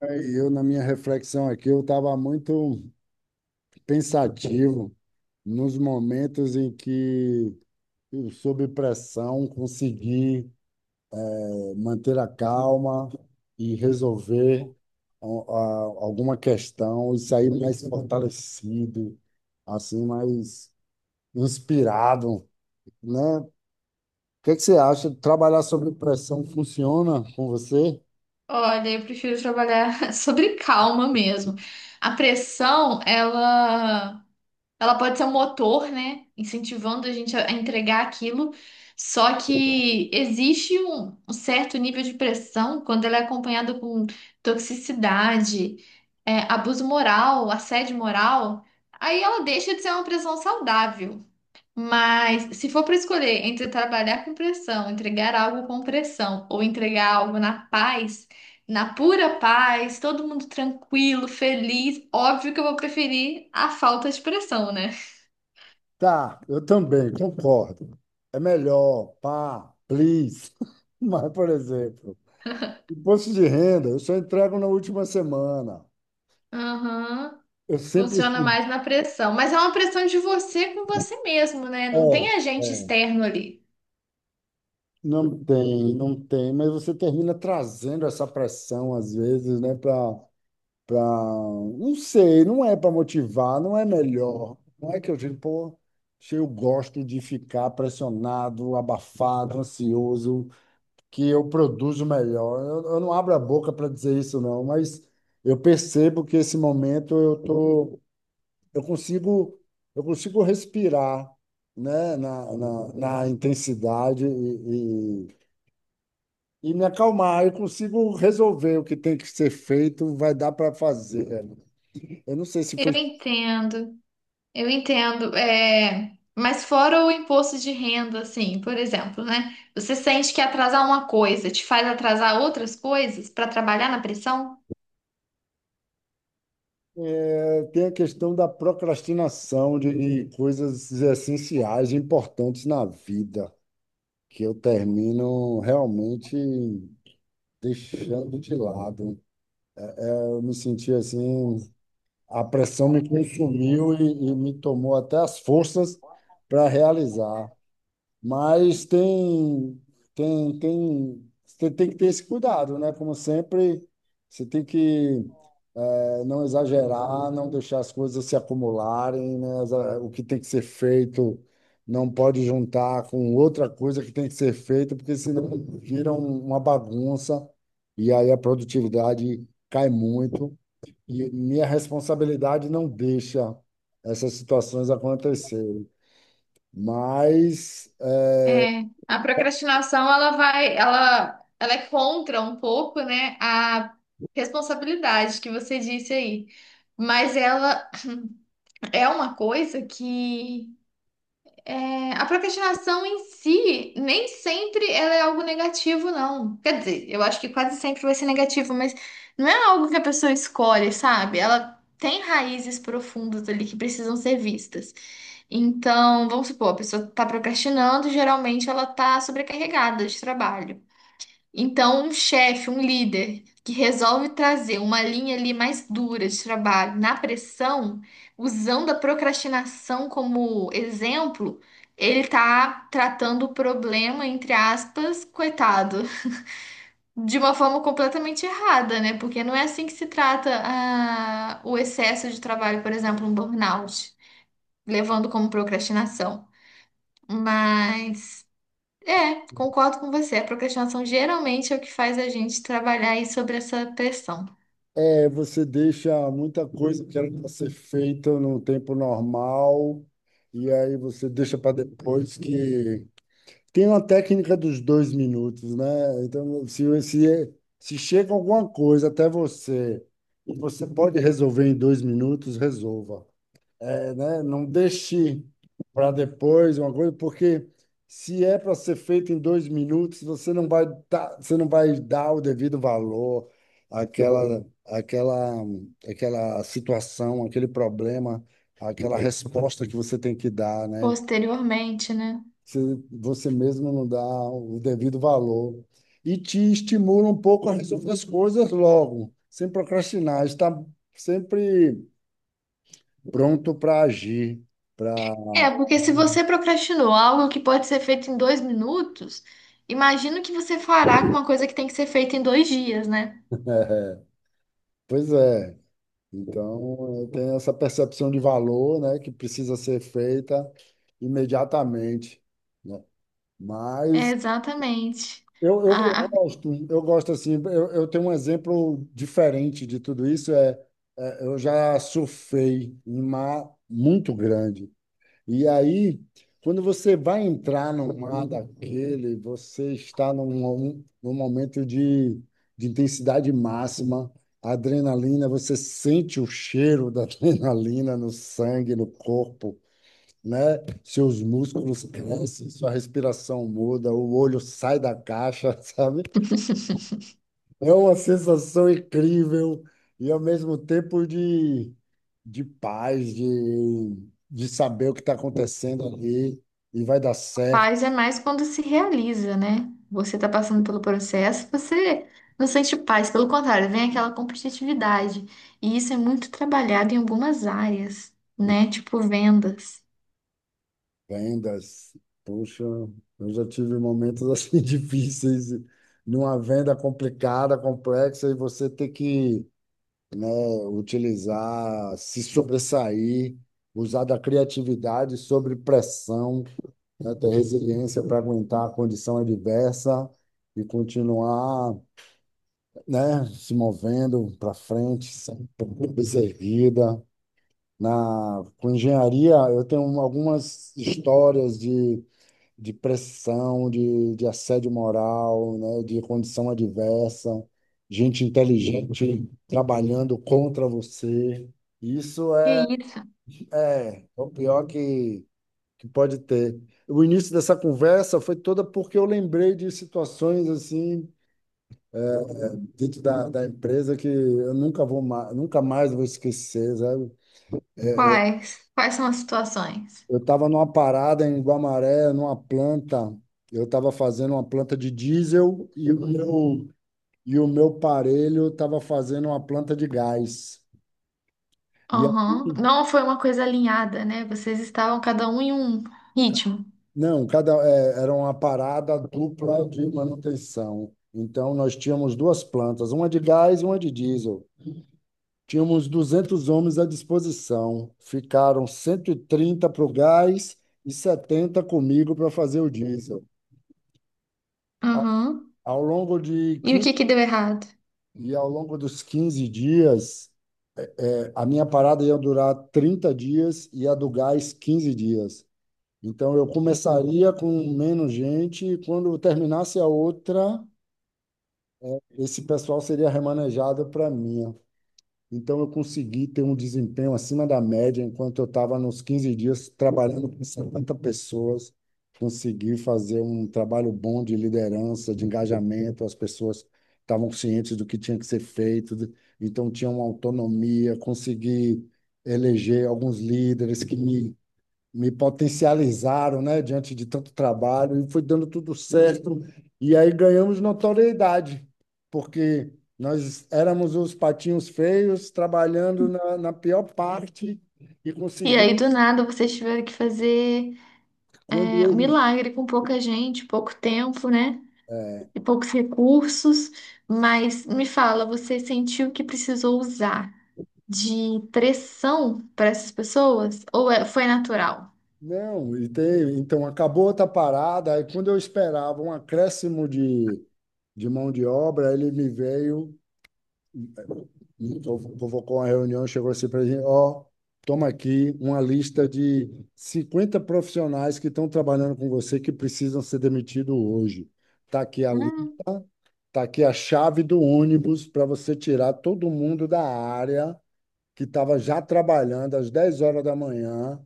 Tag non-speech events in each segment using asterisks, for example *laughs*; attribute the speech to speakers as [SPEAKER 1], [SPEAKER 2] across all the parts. [SPEAKER 1] Eu, na minha reflexão aqui, eu estava muito pensativo nos momentos em que eu, sob pressão, consegui manter a calma e resolver al- a- alguma questão e sair mais fortalecido, assim, mais inspirado, né? O que é que você acha? Trabalhar sob pressão funciona com você?
[SPEAKER 2] Olha, eu prefiro trabalhar *laughs* sobre calma mesmo. A pressão, ela pode ser um motor, né? Incentivando a gente a entregar aquilo. Só que existe um certo nível de pressão quando ela é acompanhada com toxicidade, é, abuso moral, assédio moral. Aí ela deixa de ser uma pressão saudável. Mas se for para escolher entre trabalhar com pressão, entregar algo com pressão ou entregar algo na paz, na pura paz, todo mundo tranquilo, feliz, óbvio que eu vou preferir a falta de pressão, né?
[SPEAKER 1] Tá, eu também concordo. É melhor, pá, please. *laughs* Mas, por exemplo, imposto de renda, eu só entrego na última semana.
[SPEAKER 2] Aham.
[SPEAKER 1] Eu sempre.
[SPEAKER 2] Funciona mais na pressão, mas é uma pressão de você com você mesmo, né?
[SPEAKER 1] É,
[SPEAKER 2] Não tem agente
[SPEAKER 1] é.
[SPEAKER 2] externo ali.
[SPEAKER 1] Não tem, não tem, mas você termina trazendo essa pressão, às vezes, né, para. Pra... pra- Não sei, não é para motivar, não é melhor. Não é que eu digo, pô, se eu gosto de ficar pressionado, abafado, ansioso. Que eu produzo melhor. Eu não abro a boca para dizer isso, não, mas eu percebo que esse momento eu tô, eu consigo, eu consigo respirar, né, na intensidade e me acalmar. Eu consigo resolver o que tem que ser feito, vai dar para fazer. Eu não sei se
[SPEAKER 2] Eu
[SPEAKER 1] foi.
[SPEAKER 2] entendo. Eu entendo, é, mas fora o imposto de renda, assim, por exemplo, né? Você sente que atrasar uma coisa te faz atrasar outras coisas para trabalhar na pressão?
[SPEAKER 1] É, tem a questão da procrastinação de coisas essenciais, importantes na vida, que eu termino realmente deixando de lado. Eu me senti assim, a pressão me consumiu e me tomou até as forças para realizar. Mas tem, você tem que ter esse cuidado, né? Como sempre, você tem que não exagerar, não deixar as coisas se acumularem, né? O que tem que ser feito não pode juntar com outra coisa que tem que ser feita, porque senão vira uma bagunça e aí a produtividade cai muito. E minha responsabilidade não deixa essas situações acontecerem. Mas eh,
[SPEAKER 2] É, a procrastinação, ela vai, ela é contra um pouco, né, a responsabilidade que você disse aí, mas ela é uma coisa que... É, a procrastinação em si, nem sempre ela é algo negativo, não. Quer dizer, eu acho que quase sempre vai ser negativo, mas não é algo que a pessoa escolhe, sabe? Ela tem raízes profundas ali que precisam ser vistas. Então, vamos supor, a pessoa está procrastinando, geralmente ela está sobrecarregada de trabalho. Então, um chefe, um líder que resolve trazer uma linha ali mais dura de trabalho na pressão, usando a procrastinação como exemplo, ele tá tratando o problema, entre aspas, coitado, *laughs* de uma forma completamente errada, né? Porque não é assim que se trata o excesso de trabalho, por exemplo, um burnout, levando como procrastinação. Mas... É, concordo com você. A procrastinação geralmente é o que faz a gente trabalhar aí sobre essa pressão
[SPEAKER 1] É, você deixa muita coisa que era para ser feita no tempo normal, e aí você deixa para depois que. Tem uma técnica dos dois minutos, né? Então, se chega alguma coisa até você, e você pode resolver em dois minutos, resolva. É, né? Não deixe para depois uma coisa, porque se é para ser feito em dois minutos, você não vai dar o devido valor àquela, àquela, àquela situação, àquele problema, àquela resposta que você tem que dar, né?
[SPEAKER 2] posteriormente, né?
[SPEAKER 1] Você, Você mesmo não dá o devido valor. E te estimula um pouco a resolver as coisas logo, sem procrastinar, está sempre pronto para agir.
[SPEAKER 2] É, porque se você procrastinou algo que pode ser feito em dois minutos, imagino que você fará com uma coisa que tem que ser feita em dois dias, né?
[SPEAKER 1] *laughs* É, pois é. Então, eu tenho essa percepção de valor, né, que precisa ser feita imediatamente, né?
[SPEAKER 2] É,
[SPEAKER 1] Mas
[SPEAKER 2] exatamente.
[SPEAKER 1] eu,
[SPEAKER 2] A,
[SPEAKER 1] eu
[SPEAKER 2] a
[SPEAKER 1] gosto, eu gosto assim, eu tenho um exemplo diferente de tudo isso, eu já surfei em mar muito grande. E aí, quando você vai entrar no mar daquele, você está num momento de intensidade máxima, adrenalina, você sente o cheiro da *laughs* adrenalina no sangue, no corpo, né? Seus músculos crescem, sua respiração muda, o olho sai da caixa, *laughs* sabe? É uma sensação incrível e ao mesmo tempo de paz, de saber o que está acontecendo ali e vai dar certo.
[SPEAKER 2] Paz é mais quando se realiza, né? Você está passando pelo processo, você não sente paz, pelo contrário, vem aquela competitividade. E isso é muito trabalhado em algumas áreas, né? Tipo vendas.
[SPEAKER 1] Vendas, puxa, eu já tive momentos assim *laughs* difíceis, numa venda complicada, complexa, e você ter que, né, utilizar, se sobressair, usar da criatividade sobre pressão. Né? Ter resiliência para aguentar a condição adversa e continuar, né, se movendo para frente, sempre cabeça erguida. Na, com engenharia, eu tenho algumas histórias de pressão, de assédio moral, né, de condição adversa, gente inteligente trabalhando contra você. Isso
[SPEAKER 2] Que
[SPEAKER 1] é,
[SPEAKER 2] isso?
[SPEAKER 1] é o pior que pode ter. O início dessa conversa foi toda porque eu lembrei de situações assim dentro da, da empresa que eu nunca vou mais, nunca mais vou esquecer, sabe?
[SPEAKER 2] Quais? Quais são as situações?
[SPEAKER 1] Eu estava numa parada em Guamaré, numa planta, eu estava fazendo uma planta de diesel e o meu parelho estava fazendo uma planta de gás. E a-
[SPEAKER 2] Aham. Não foi uma coisa alinhada, né? Vocês estavam cada um em um ritmo.
[SPEAKER 1] não, cada é, era uma parada dupla de manutenção. Então nós tínhamos duas plantas, uma de gás e uma de diesel. Tínhamos 200 homens à disposição. Ficaram 130 para o gás e 70 comigo para fazer o diesel. Ao,
[SPEAKER 2] Aham.
[SPEAKER 1] ao longo de
[SPEAKER 2] E o que
[SPEAKER 1] 15,
[SPEAKER 2] que deu errado?
[SPEAKER 1] e ao longo dos 15 dias, a minha parada ia durar 30 dias e a do gás 15 dias. Então eu começaria com menos gente e quando terminasse a outra, esse pessoal seria remanejado para mim. Então, eu consegui ter um desempenho acima da média, enquanto eu estava nos 15 dias trabalhando com 50 pessoas. Consegui fazer um trabalho bom de liderança, de engajamento, as pessoas estavam cientes do que tinha que ser feito, de- então tinha uma autonomia. Consegui eleger alguns líderes que me potencializaram, né, diante de tanto trabalho, e foi dando tudo certo. E aí ganhamos notoriedade, porque nós éramos os patinhos feios, trabalhando na, na pior parte e
[SPEAKER 2] E
[SPEAKER 1] conseguimos,
[SPEAKER 2] aí, do nada, vocês tiveram que fazer
[SPEAKER 1] quando
[SPEAKER 2] é, um
[SPEAKER 1] eles.
[SPEAKER 2] milagre com pouca gente, pouco tempo, né? E poucos recursos, mas me fala, você sentiu que precisou usar de pressão para essas pessoas ou foi natural?
[SPEAKER 1] Não, então acabou outra parada, aí quando eu esperava um acréscimo de mão de obra, ele me veio. Então, convocou uma reunião, chegou assim para a gente, ó, toma aqui uma lista de 50 profissionais que estão trabalhando com você que precisam ser demitidos hoje. Tá aqui a, li-
[SPEAKER 2] Hum,
[SPEAKER 1] tá aqui a chave do ônibus para você tirar todo mundo da área que estava já trabalhando às 10 horas da manhã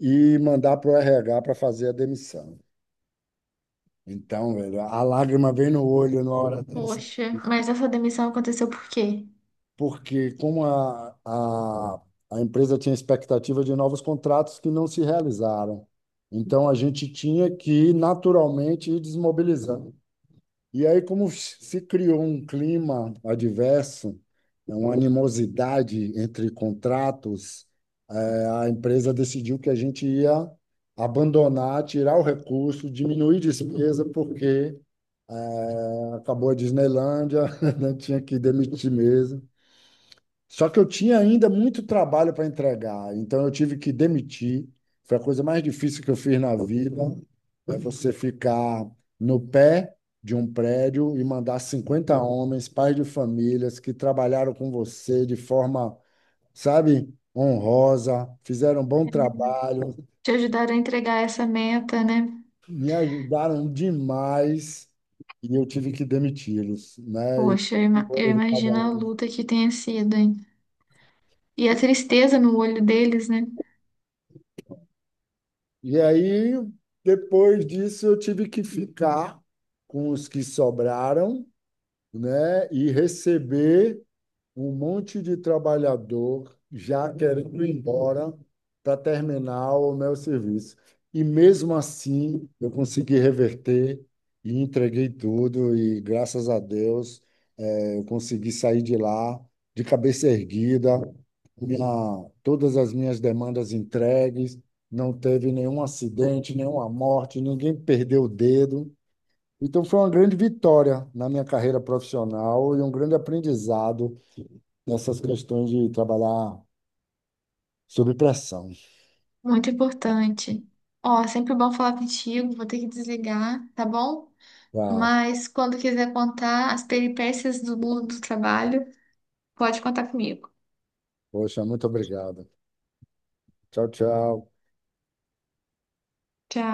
[SPEAKER 1] e mandar para o RH para fazer a demissão. Então, velho, a lágrima vem no olho na hora dessa.
[SPEAKER 2] poxa, mas essa demissão aconteceu por quê?
[SPEAKER 1] Porque como a empresa tinha expectativa de novos contratos que não se realizaram, então a gente tinha que naturalmente ir desmobilizando. E aí, como se criou um clima adverso, uma animosidade entre contratos, eh, a empresa decidiu que a gente ia abandonar, tirar o recurso, diminuir despesa, porque acabou a Disneylândia, *laughs* né? Tinha que demitir mesmo. Só que eu tinha ainda muito trabalho para entregar, então eu tive que demitir. Foi a coisa mais difícil que eu fiz na vida. É você ficar no pé de um prédio e mandar 50 homens, pais de famílias, que trabalharam com você de forma, sabe, honrosa, fizeram um bom trabalho,
[SPEAKER 2] Te ajudaram a entregar essa meta, né?
[SPEAKER 1] me ajudaram demais e eu tive que demiti-los, né?
[SPEAKER 2] Poxa, eu imagino a luta que tenha sido, hein? E a tristeza no olho deles, né?
[SPEAKER 1] E aí, depois disso, eu tive que ficar com os que sobraram, né? E receber um monte de trabalhador já querendo ir embora para terminar o meu serviço. E mesmo assim, eu consegui reverter e entreguei tudo, e graças a Deus. Eu consegui sair de lá de cabeça erguida, minha- todas as minhas demandas entregues, não teve nenhum acidente, nenhuma morte, ninguém perdeu o dedo. Então foi uma grande vitória na minha carreira profissional e um grande aprendizado nessas questões de trabalhar sob pressão.
[SPEAKER 2] Muito importante. Ó, sempre bom falar contigo, vou ter que desligar, tá bom?
[SPEAKER 1] Tá.
[SPEAKER 2] Mas quando quiser contar as peripécias do mundo do trabalho, pode contar comigo.
[SPEAKER 1] Poxa, muito obrigado. Tchau, tchau.
[SPEAKER 2] Tchau.